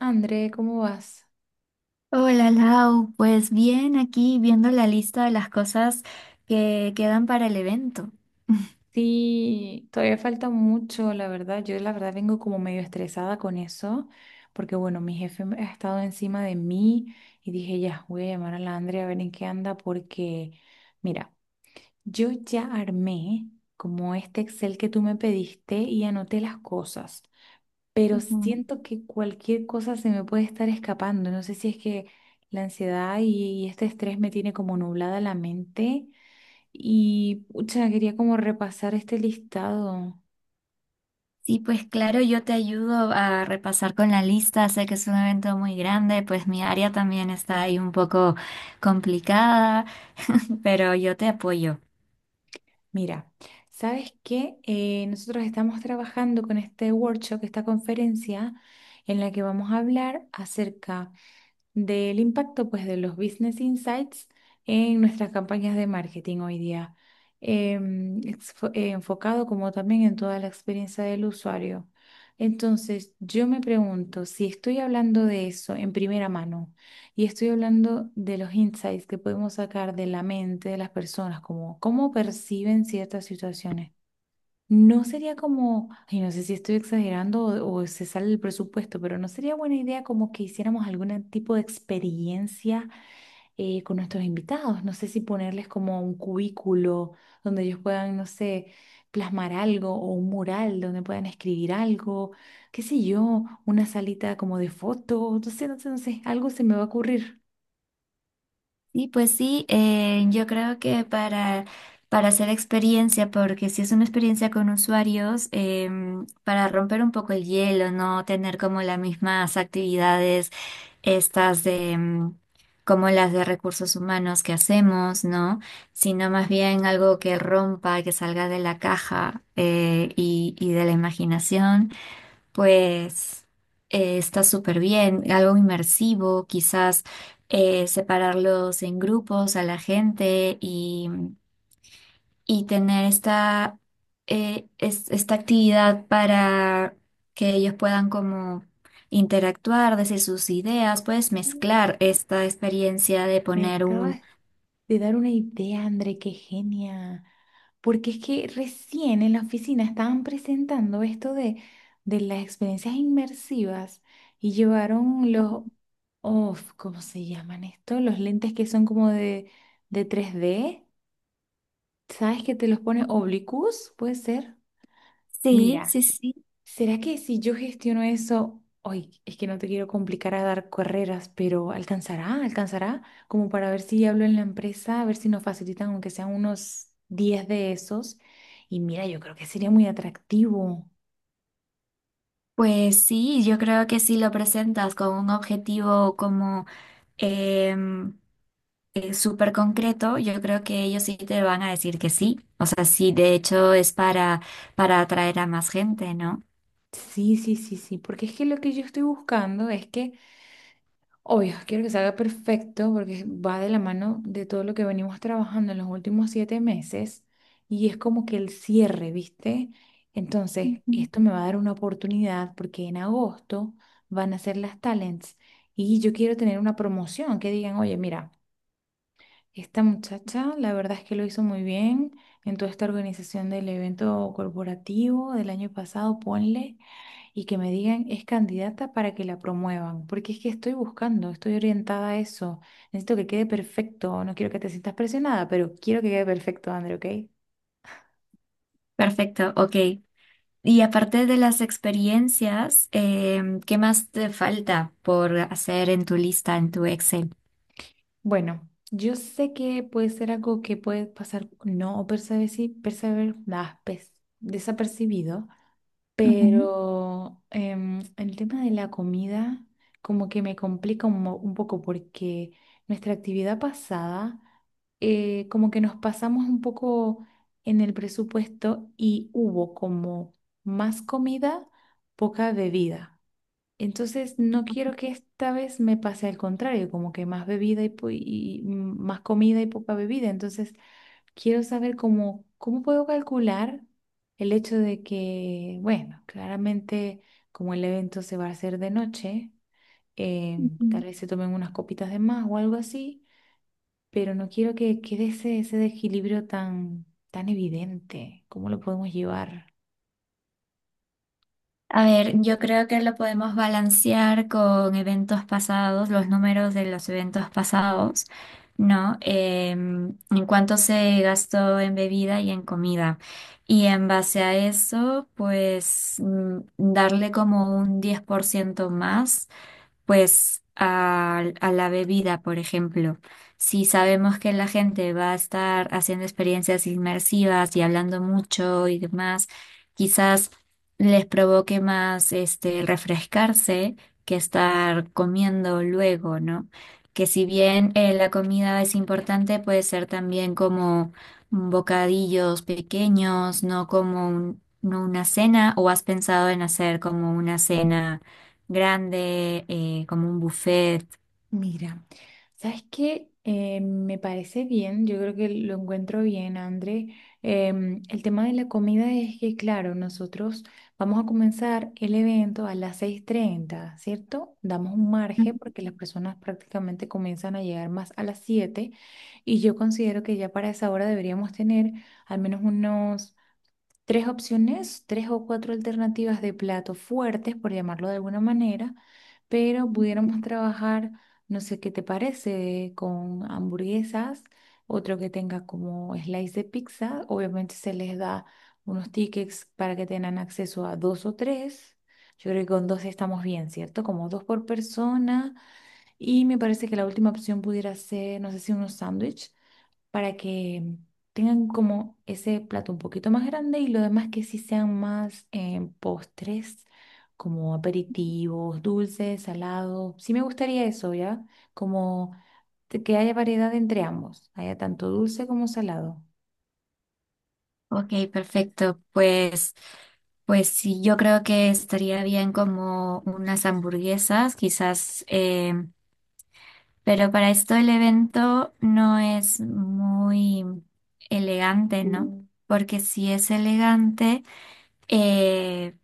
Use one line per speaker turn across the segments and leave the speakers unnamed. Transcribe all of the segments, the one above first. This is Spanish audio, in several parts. André, ¿cómo vas?
Hola Lau, pues bien aquí viendo la lista de las cosas que quedan para el evento.
Sí, todavía falta mucho, la verdad. Yo la verdad vengo como medio estresada con eso, porque bueno, mi jefe ha estado encima de mí y dije, ya, voy a llamar a la Andrea a ver en qué anda, porque mira, yo ya armé como este Excel que tú me pediste y anoté las cosas, pero
Ujú.
siento que cualquier cosa se me puede estar escapando. No sé si es que la ansiedad y este estrés me tiene como nublada la mente. Y pucha, quería como repasar este listado.
Sí, pues claro, yo te ayudo a repasar con la lista, sé que es un evento muy grande, pues mi área también está ahí un poco complicada, pero yo te apoyo.
Mira, ¿sabes qué? Nosotros estamos trabajando con este workshop, esta conferencia, en la que vamos a hablar acerca del impacto pues de los business insights en nuestras campañas de marketing hoy día, enfocado como también en toda la experiencia del usuario. Entonces, yo me pregunto si estoy hablando de eso en primera mano y estoy hablando de los insights que podemos sacar de la mente de las personas, como cómo perciben ciertas situaciones. No sería como, ay, no sé si estoy exagerando o se sale el presupuesto, pero no sería buena idea como que hiciéramos algún tipo de experiencia con nuestros invitados. No sé si ponerles como un cubículo donde ellos puedan, no sé, plasmar algo o un mural donde puedan escribir algo, qué sé yo, una salita como de fotos, no sé, no sé, no sé, algo se me va a ocurrir.
Sí, pues sí, yo creo que para hacer experiencia, porque si es una experiencia con usuarios, para romper un poco el hielo, no tener como las mismas actividades estas de como las de recursos humanos que hacemos, ¿no? Sino más bien algo que rompa, que salga de la caja y de la imaginación, pues está súper bien, algo inmersivo, quizás separarlos en grupos a la gente y tener esta actividad para que ellos puedan como interactuar, decir sus ideas, puedes mezclar esta experiencia de
Me
poner un...
acabas de dar una idea, André, qué genia. Porque es que recién en la oficina estaban presentando esto de las experiencias inmersivas y llevaron los, oh, ¿cómo se llaman esto? Los lentes que son como de 3D. ¿Sabes que te los pone oblicuos? Puede ser.
Sí,
Mira.
sí, sí.
¿Será que si yo gestiono eso, hoy es que no te quiero complicar a dar carreras, pero alcanzará como para ver si hablo en la empresa, a ver si nos facilitan aunque sean unos 10 de esos? Y mira, yo creo que sería muy atractivo.
Pues sí, yo creo que si lo presentas con un objetivo como em, súper concreto, yo creo que ellos sí te van a decir que sí. O sea, sí, de hecho es para atraer a más gente, ¿no?
Sí, sí, sí, sí, porque es que lo que yo estoy buscando es que, obvio, quiero que salga perfecto porque va de la mano de todo lo que venimos trabajando en los últimos siete meses y es como que el cierre, ¿viste? Entonces,
Ujú.
esto me va a dar una oportunidad porque en agosto van a ser las talents y yo quiero tener una promoción que digan, oye, mira, esta muchacha la verdad es que lo hizo muy bien en toda esta organización del evento corporativo del año pasado, ponle, y que me digan es candidata para que la promuevan, porque es que estoy buscando, estoy orientada a eso. Necesito que quede perfecto, no quiero que te sientas presionada, pero quiero que quede perfecto, André, ¿ok?
Perfecto, ok. Y aparte de las experiencias, em, ¿qué más te falta por hacer en tu lista, en tu Excel?
Bueno, yo sé que puede ser algo que puede pasar no desapercibido.
Ujú,
Pero el tema de la comida como que me complica un poco porque nuestra actividad pasada, como que nos pasamos un poco en el presupuesto y hubo como más comida, poca bebida. Entonces no quiero que esta vez me pase al contrario, como que más bebida y más comida y poca bebida. Entonces quiero saber cómo, cómo puedo calcular el hecho de que, bueno, claramente como el evento se va a hacer de noche, eh, tal
ujú.
vez se tomen unas copitas de más o algo así, pero no quiero que quede ese, ese desequilibrio tan, tan evidente. ¿Cómo lo podemos llevar?
A ver, yo creo que lo podemos balancear con eventos pasados, los números de los eventos pasados, ¿no? Em, en cuánto se gastó en bebida y en comida. Y en base a eso, pues mm, darle como un 10% más pues a la bebida, por ejemplo, si sabemos que la gente va a estar haciendo experiencias inmersivas y hablando mucho y demás, quizás les provoque más este refrescarse que estar comiendo luego, ¿no? Que si bien la comida es importante, puede ser también como bocadillos pequeños, no una cena, o has pensado en hacer como una cena grande, como un buffet.
Mira, ¿sabes qué? Me parece bien, yo creo que lo encuentro bien, André. El tema de la comida es que, claro, nosotros vamos a comenzar el evento a las seis treinta, ¿cierto? Damos un margen
Ujú.
porque las personas prácticamente comienzan a llegar más a las 7 y yo considero que ya para esa hora deberíamos tener al menos unos tres opciones, tres o cuatro alternativas de platos fuertes, por llamarlo de alguna manera, pero pudiéramos trabajar, no sé qué te parece, con hamburguesas, otro que tenga como slice de pizza. Obviamente se les da unos tickets para que tengan acceso a dos o tres. Yo creo que con dos estamos bien, ¿cierto? Como dos por persona. Y me parece que la última opción pudiera ser, no sé, si unos sándwiches para que tengan como ese plato un poquito más grande y lo demás que sí sean más en postres, como aperitivos, dulces, salados. Sí me gustaría eso, ¿ya? Como que haya variedad entre ambos, haya tanto dulce como salado.
Ok, perfecto. Pues sí, yo creo que estaría bien como unas hamburguesas, quizás, pero para esto el evento no es muy elegante, ¿no? Mm. Porque si es elegante, eh,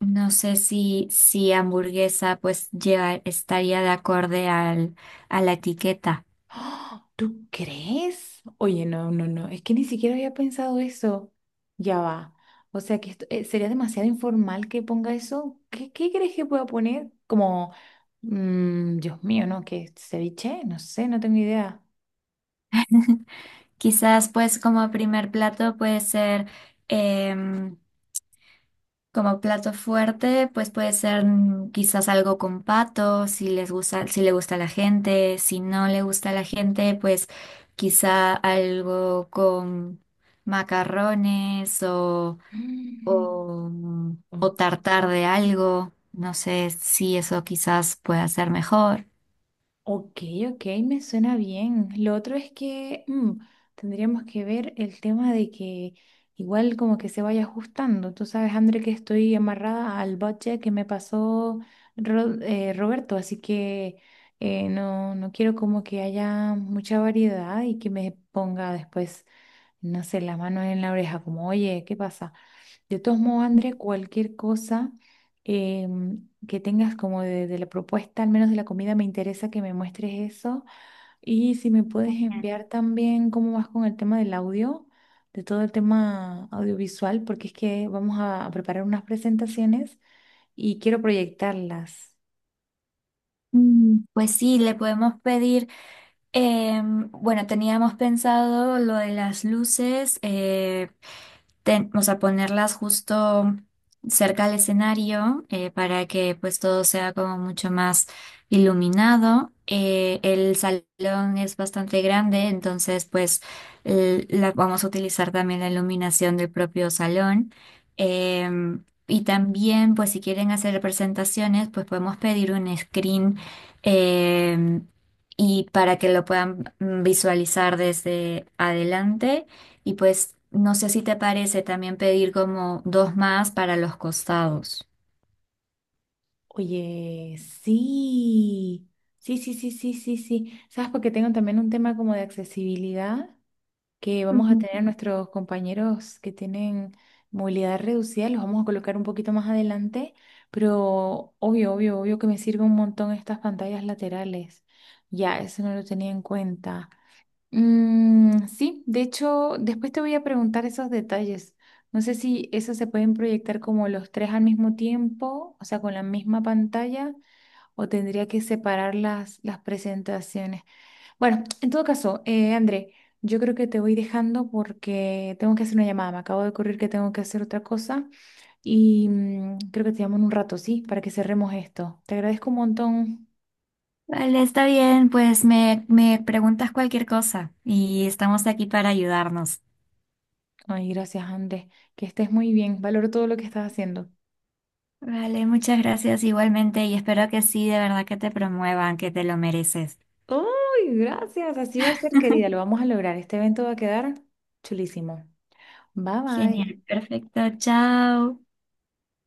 no sé si hamburguesa pues lleva, estaría de acorde a la etiqueta.
¡Ah! ¿Tú crees? Oye, no, no, no, es que ni siquiera había pensado eso. Ya va. O sea, que esto, sería demasiado informal que ponga eso. ¿Qué, qué crees que pueda poner? Como, mm, Dios mío, ¿no? ¿Qué, ceviche? No sé, no tengo idea.
Quizás pues como primer plato puede ser, em, como plato fuerte, pues puede ser mm, quizás algo con pato, si les gusta, si le gusta a la gente, si no le gusta a la gente, pues quizá algo con macarrones
Mm,
mm, o
ok.
tartar de algo, no sé si eso quizás pueda ser mejor.
Ok, ok, me suena bien. Lo otro es que tendríamos que ver el tema de que igual como que se vaya ajustando. Tú sabes, André, que estoy amarrada al budget que me pasó Roberto, así que no, no quiero como que haya mucha variedad y que me ponga después, no sé, la mano en la oreja, como, oye, ¿qué pasa? De todos modos, André, cualquier cosa que tengas como de la propuesta, al menos de la comida, me interesa que me muestres eso. Y si me puedes
Mm.
enviar también cómo vas con el tema del audio, de todo el tema audiovisual, porque es que vamos a preparar unas presentaciones y quiero proyectarlas.
Mm, pues sí, le podemos pedir. Em, bueno, teníamos pensado lo de las luces, o sea, ponerlas justo cerca al escenario para que pues todo sea como mucho más iluminado. El salón es bastante grande, entonces pues vamos a utilizar también la iluminación del propio salón. Em, y también pues si quieren hacer presentaciones pues podemos pedir un screen em, y para que lo puedan mm, visualizar desde adelante. Y pues no sé si te parece también pedir como dos más para los costados.
Oye, sí, sí, sí, sí, sí, sí, sí. ¿Sabes? Porque tengo también un tema como de accesibilidad, que vamos a tener
Ujú.
a nuestros compañeros que tienen movilidad reducida. Los vamos a colocar un poquito más adelante, pero obvio, obvio, obvio que me sirve un montón estas pantallas laterales. Ya, eso no lo tenía en cuenta. Mm, sí, de hecho, después te voy a preguntar esos detalles. No sé si esos se pueden proyectar como los tres al mismo tiempo, o sea, con la misma pantalla, o tendría que separar las presentaciones. Bueno, en todo caso, André, yo creo que te voy dejando porque tengo que hacer una llamada. Me acabo de ocurrir que tengo que hacer otra cosa y creo que te llamo en un rato, ¿sí? Para que cerremos esto. Te agradezco un montón.
Vale, está bien, pues me preguntas cualquier cosa y estamos aquí para ayudarnos.
Ay, gracias, André. Que estés muy bien. Valoro todo lo que estás haciendo.
Vale, muchas gracias igualmente y espero que sí, de verdad que te promuevan, que te lo mereces.
¡Ay, gracias! Así va a ser, querida. Lo vamos a lograr. Este evento va a quedar chulísimo. Bye, bye.
Genial, perfecto, chao.